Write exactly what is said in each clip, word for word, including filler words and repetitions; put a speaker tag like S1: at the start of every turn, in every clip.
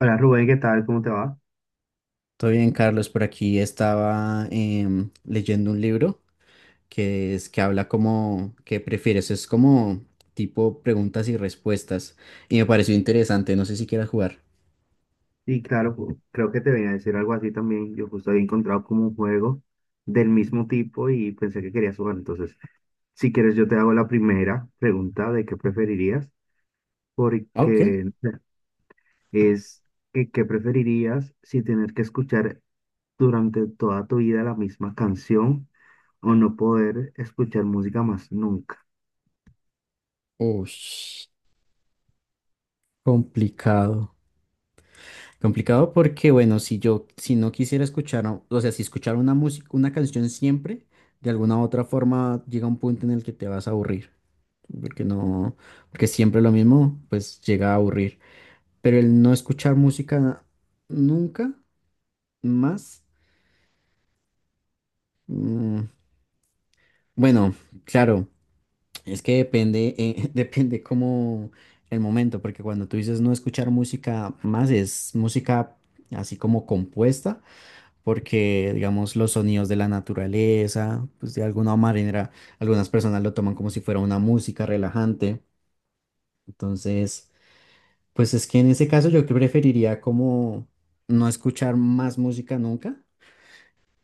S1: Hola Rubén, ¿qué tal? ¿Cómo te va?
S2: Todo bien, Carlos. Por aquí estaba em, leyendo un libro que es que habla como que prefieres. Es como tipo preguntas y respuestas. Y me pareció interesante. No sé si quieras jugar.
S1: Y claro, ju- creo que te venía a decir algo así también. Yo justo había encontrado como un juego del mismo tipo y pensé que querías jugar. Entonces, si quieres, yo te hago la primera pregunta de qué preferirías,
S2: Ah, OK.
S1: porque es que, qué preferirías si tener que escuchar durante toda tu vida la misma canción o no poder escuchar música más nunca.
S2: Ush, complicado. Complicado porque, bueno, si yo, si no quisiera escuchar, o o sea, si escuchar una música, una canción siempre, de alguna u otra forma llega un punto en el que te vas a aburrir. Porque no, porque siempre lo mismo, pues llega a aburrir. Pero el no escuchar música nunca más. mm, bueno, claro, es que depende, eh, depende como el momento, porque cuando tú dices no escuchar música más, es música así como compuesta, porque digamos los sonidos de la naturaleza, pues de alguna manera, algunas personas lo toman como si fuera una música relajante. Entonces, pues es que en ese caso yo preferiría como no escuchar más música nunca,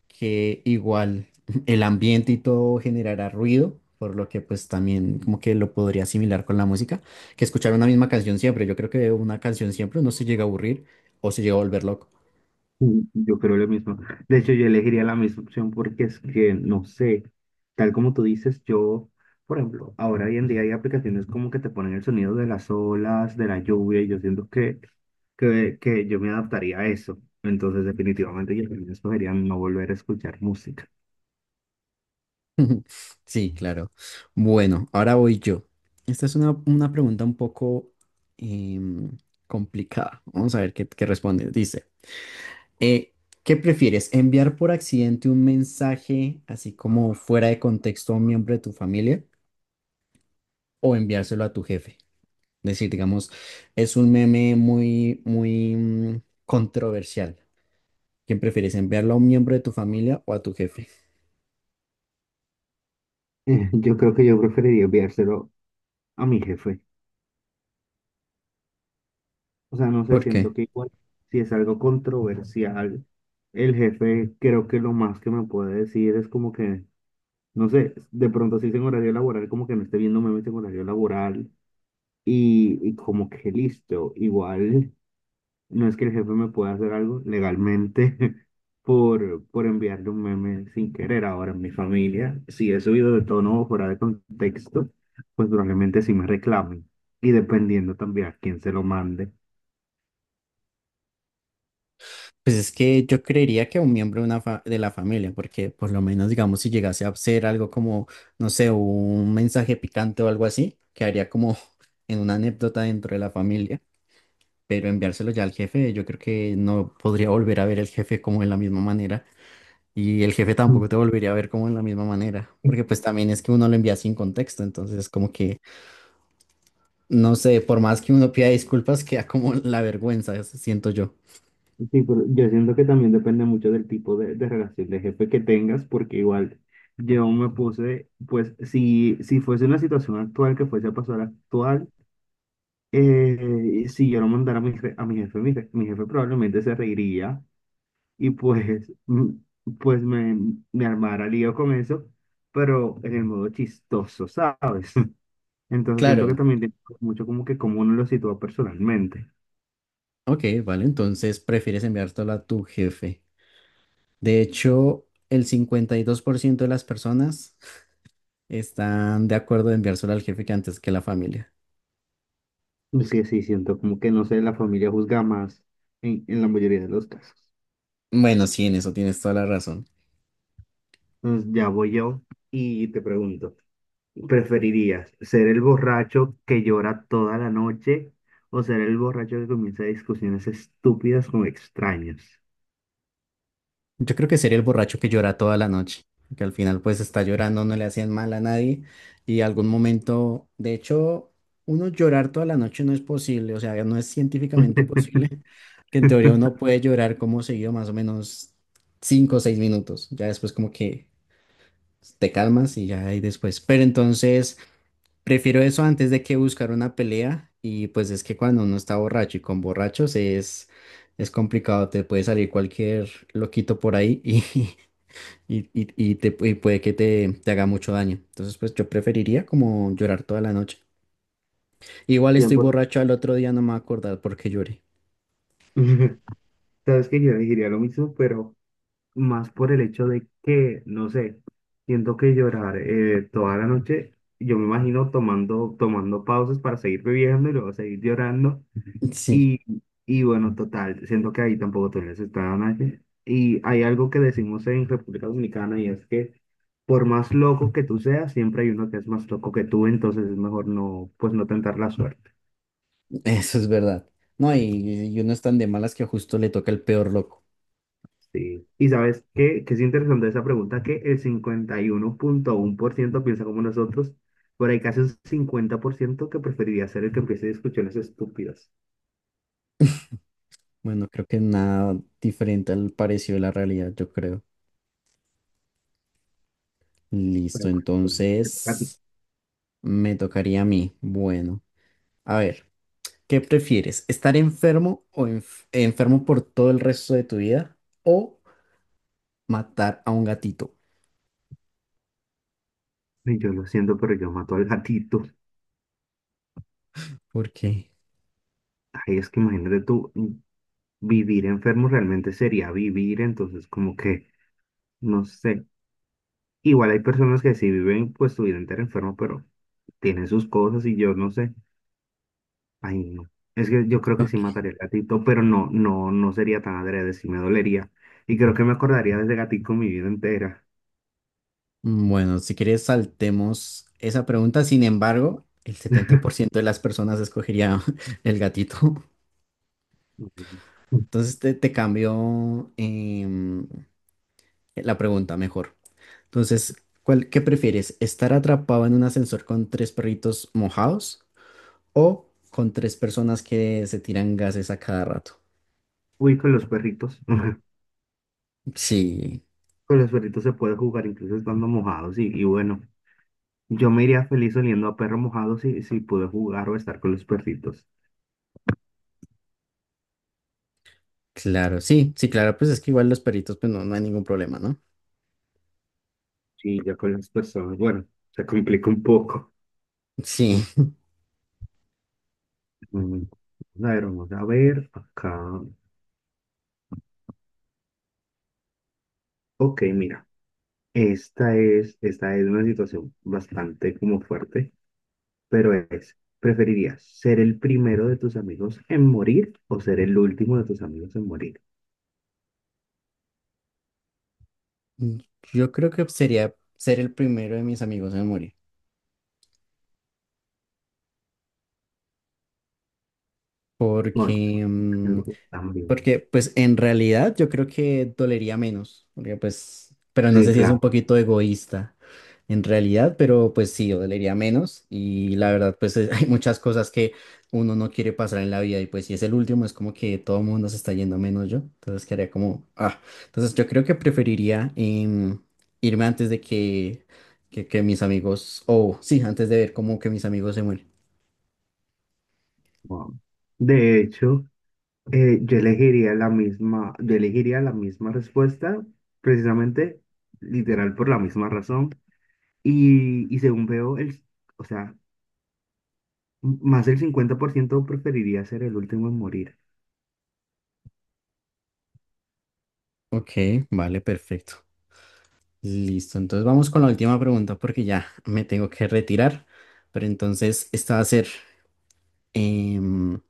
S2: que igual el ambiente y todo generará ruido, por lo que pues también como que lo podría asimilar con la música, que escuchar una misma canción siempre. Yo creo que una canción siempre no se llega a aburrir o se llega a volver loco.
S1: Sí, yo creo lo mismo. De hecho, yo elegiría la misma opción porque es que, no sé, tal como tú dices, yo, por ejemplo, ahora hoy en día hay aplicaciones como que te ponen el sonido de las olas, de la lluvia, y yo siento que, que, que yo me adaptaría a eso. Entonces, definitivamente yo también escogería no volver a escuchar música.
S2: Sí, claro. Bueno, ahora voy yo. Esta es una, una pregunta un poco em, complicada. Vamos a ver qué, qué responde. Dice, eh, ¿qué prefieres? ¿Enviar por accidente un mensaje así como fuera de contexto a un miembro de tu familia o enviárselo a tu jefe? Decir, digamos, es un meme muy, muy mm, controversial. ¿Quién prefieres, enviarlo a un miembro de tu familia o a tu jefe?
S1: Eh, Yo creo que yo preferiría enviárselo a mi jefe. O sea, no sé,
S2: ¿Por
S1: siento
S2: qué?
S1: que igual, si es algo controversial, el jefe creo que lo más que me puede decir es como que... No sé, de pronto si es en horario laboral, como que no esté viendo memes en horario laboral y, y como que listo, igual no es que el jefe me pueda hacer algo legalmente por, por enviarle un meme sin querer ahora en mi familia. Si he subido de tono o fuera de contexto, pues probablemente sí me reclamen y dependiendo también a quién se lo mande.
S2: Pues es que yo creería que a un miembro de, una fa- de la familia, porque por lo menos, digamos, si llegase a ser algo como, no sé, un mensaje picante o algo así, quedaría como en una anécdota dentro de la familia, pero enviárselo ya al jefe, yo creo que no podría volver a ver al jefe como de la misma manera. Y el jefe tampoco te volvería a ver como en la misma manera, porque pues también es que uno lo envía sin contexto, entonces como que, no sé, por más que uno pida disculpas, queda como la vergüenza, eso siento yo.
S1: Sí, pero yo siento que también depende mucho del tipo de, de relación de jefe que tengas, porque igual yo me puse, pues si, si fuese una situación actual que fuese a pasar actual, eh, si yo lo mandara a mi, re- a mi jefe, mi, re- mi jefe probablemente se reiría y pues, mm, pues me, me armara lío con eso, pero en el modo chistoso, ¿sabes? Entonces siento que
S2: Claro,
S1: también tiene mucho como que cómo uno lo sitúa personalmente.
S2: ok, vale, entonces prefieres enviártelo a tu jefe. De hecho, el cincuenta y dos por ciento de las personas están de acuerdo en enviárselo al jefe que antes que la familia.
S1: Pues sí, sí, siento como que no sé, la familia juzga más en, en la mayoría de los casos.
S2: Bueno, sí, en eso tienes toda la razón.
S1: Entonces, ya voy yo y te pregunto, ¿preferirías ser el borracho que llora toda la noche o ser el borracho que comienza discusiones estúpidas con extraños?
S2: Yo creo que sería el borracho que llora toda la noche, que al final pues está llorando, no le hacían mal a nadie y algún momento, de hecho, uno llorar toda la noche no es posible, o sea, no es científicamente posible, que en teoría uno puede llorar como seguido más o menos cinco o seis minutos, ya después como que te calmas y ya ahí después, pero entonces prefiero eso antes de que buscar una pelea, y pues es que cuando uno está borracho y con borrachos es... Es complicado, te puede salir cualquier loquito por ahí y, y, y- y te, y puede que te, te haga mucho daño. Entonces, pues yo preferiría como llorar toda la noche. Igual estoy
S1: Tiempo.
S2: borracho al otro día, no me voy a acordar por qué lloré.
S1: Sabes que yo elegiría lo mismo, pero más por el hecho de que, no sé, siento que llorar eh, toda la noche, yo me imagino tomando, tomando pausas para seguir bebiendo y luego seguir llorando.
S2: Sí,
S1: Y, y bueno, total, siento que ahí tampoco todavía se está dando nadie. Y hay algo que decimos en República Dominicana y es que por más loco que tú seas, siempre hay uno que es más loco que tú, entonces es mejor no, pues no tentar la suerte.
S2: eso es verdad. No, y, y uno es tan de malas que justo le toca el peor loco.
S1: Sí. Y sabes qué, que es interesante esa pregunta, que el cincuenta y uno uno punto uno por ciento piensa como nosotros, pero hay casi un cincuenta por ciento que preferiría ser el que empiece discusiones estúpidas.
S2: Bueno, creo que nada diferente al parecido de la realidad, yo creo. Listo,
S1: Pero,
S2: entonces me tocaría a mí. Bueno, a ver, ¿qué prefieres? ¿Estar enfermo o enf- enfermo por todo el resto de tu vida o matar a un gatito?
S1: y yo lo siento, pero yo mato al gatito.
S2: ¿Por qué?
S1: Ay, es que imagínate tú, mm, vivir enfermo realmente sería vivir, entonces como que, no sé. Igual hay personas que sí viven pues su vida entera enfermo, pero tienen sus cosas y yo no sé. Ay, no. Es que yo creo que sí
S2: Ok.
S1: mataría al gatito, pero no, no, no sería tan adrede, sí me dolería. Y creo que me acordaría de ese gatito mi vida entera.
S2: Mm, bueno, si quieres saltemos esa pregunta. Sin embargo, el setenta por ciento de las personas escogería el gatito.
S1: Ay.
S2: Entonces te, te cambio em, la pregunta mejor. Entonces, ¿cuál, qué prefieres? ¿Estar atrapado en un ascensor con tres perritos mojados o con tres personas que se tiran gases a cada rato?
S1: Uy, con los perritos.
S2: Sí,
S1: Con los perritos se puede jugar incluso estando mojados. Y, y bueno, yo me iría feliz oliendo a perro mojado si, si pude jugar o estar con los perritos.
S2: claro, sí, sí, claro, pues es que igual los perritos, pues no, no hay ningún problema, ¿no?
S1: Sí, ya con las personas. Bueno, se complica un poco.
S2: Sí.
S1: Mm. A ver, vamos a ver acá. Ok, mira. Esta es, esta es una situación bastante como fuerte, pero es, ¿preferirías ser el primero de tus amigos en morir o ser el último de tus amigos en morir?
S2: Mm. Yo creo que sería ser el primero de mis amigos en morir,
S1: No, yo
S2: porque mm,
S1: creo que también.
S2: porque pues en realidad yo creo que dolería menos, porque pues, pero no
S1: Sí,
S2: sé si es un
S1: claro.
S2: poquito egoísta en realidad, pero pues sí, dolería menos y la verdad pues eh, hay muchas cosas que uno no quiere pasar en la vida, y pues si es el último es como que todo el mundo se está yendo menos yo, entonces quedaría como, ah, entonces yo creo que preferiría em, irme antes de que, que, que mis amigos, o sí, antes de ver como que mis amigos se mueren.
S1: Wow. De hecho, eh, yo elegiría la misma, yo elegiría la misma respuesta, precisamente, literal, por la misma razón. Y, y según veo, el, o sea, m- más del cincuenta por ciento preferiría ser el último en morir.
S2: Ok, vale, perfecto. Listo, entonces vamos con la última pregunta porque ya me tengo que retirar, pero entonces esta va a ser em,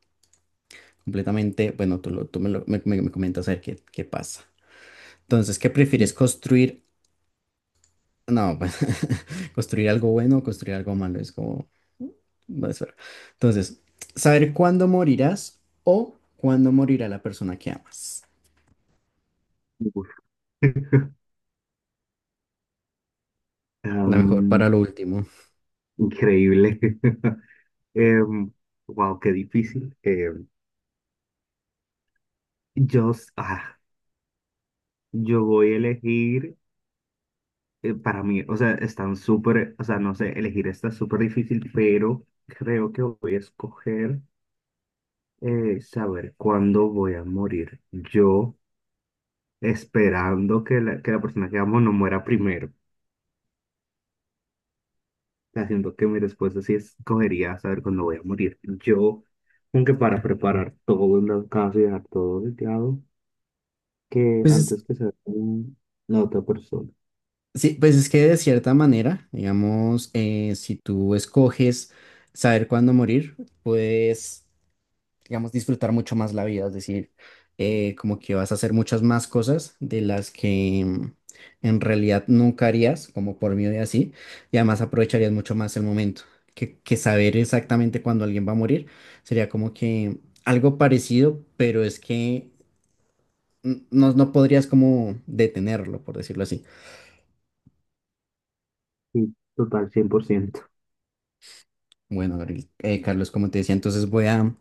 S2: completamente, bueno, tú, lo- tú me, lo- me- me- me comentas a ver qué, qué pasa. Entonces, ¿qué prefieres construir? No, pues, construir algo bueno o construir algo malo, es como, mm, no es verdad. Entonces, saber cuándo morirás o cuándo morirá la persona que amas.
S1: Uf.
S2: La mejor
S1: Am,
S2: para lo último.
S1: increíble. Em, wow, qué difícil. Em, yo, s- ah, yo voy a elegir, eh, para mí, o sea, están súper, o sea, no sé, elegir está súper difícil, pero creo que voy a escoger eh, saber cuándo voy a morir. Yo esperando que la, que la persona que amo no muera primero. Haciendo que mi respuesta sí escogería saber cuándo voy a morir. Yo, aunque para preparar todo en la casa y dejar todo dedicado, que
S2: Pues es
S1: antes que sea un- la otra persona.
S2: Sí, pues es que de cierta manera, digamos, eh, si tú escoges saber cuándo morir, puedes, digamos, disfrutar mucho más la vida, es decir, eh, como que vas a hacer muchas más cosas de las que mm, en realidad nunca harías, como por miedo y así, y además aprovecharías mucho más el momento, que, que, saber exactamente cuándo alguien va a morir sería como que algo parecido, pero es que mm, no, no podrías como detenerlo, por decirlo así.
S1: Sí, total, cien por ciento.
S2: Bueno, Gabriel, eh, Carlos, como te decía, entonces voy a,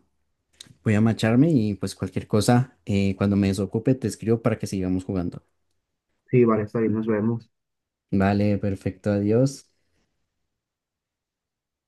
S2: voy a marcharme y pues cualquier cosa, eh, cuando me desocupe, te escribo para que sigamos jugando.
S1: Sí, vale, está bien, nos vemos.
S2: Vale, perfecto, adiós.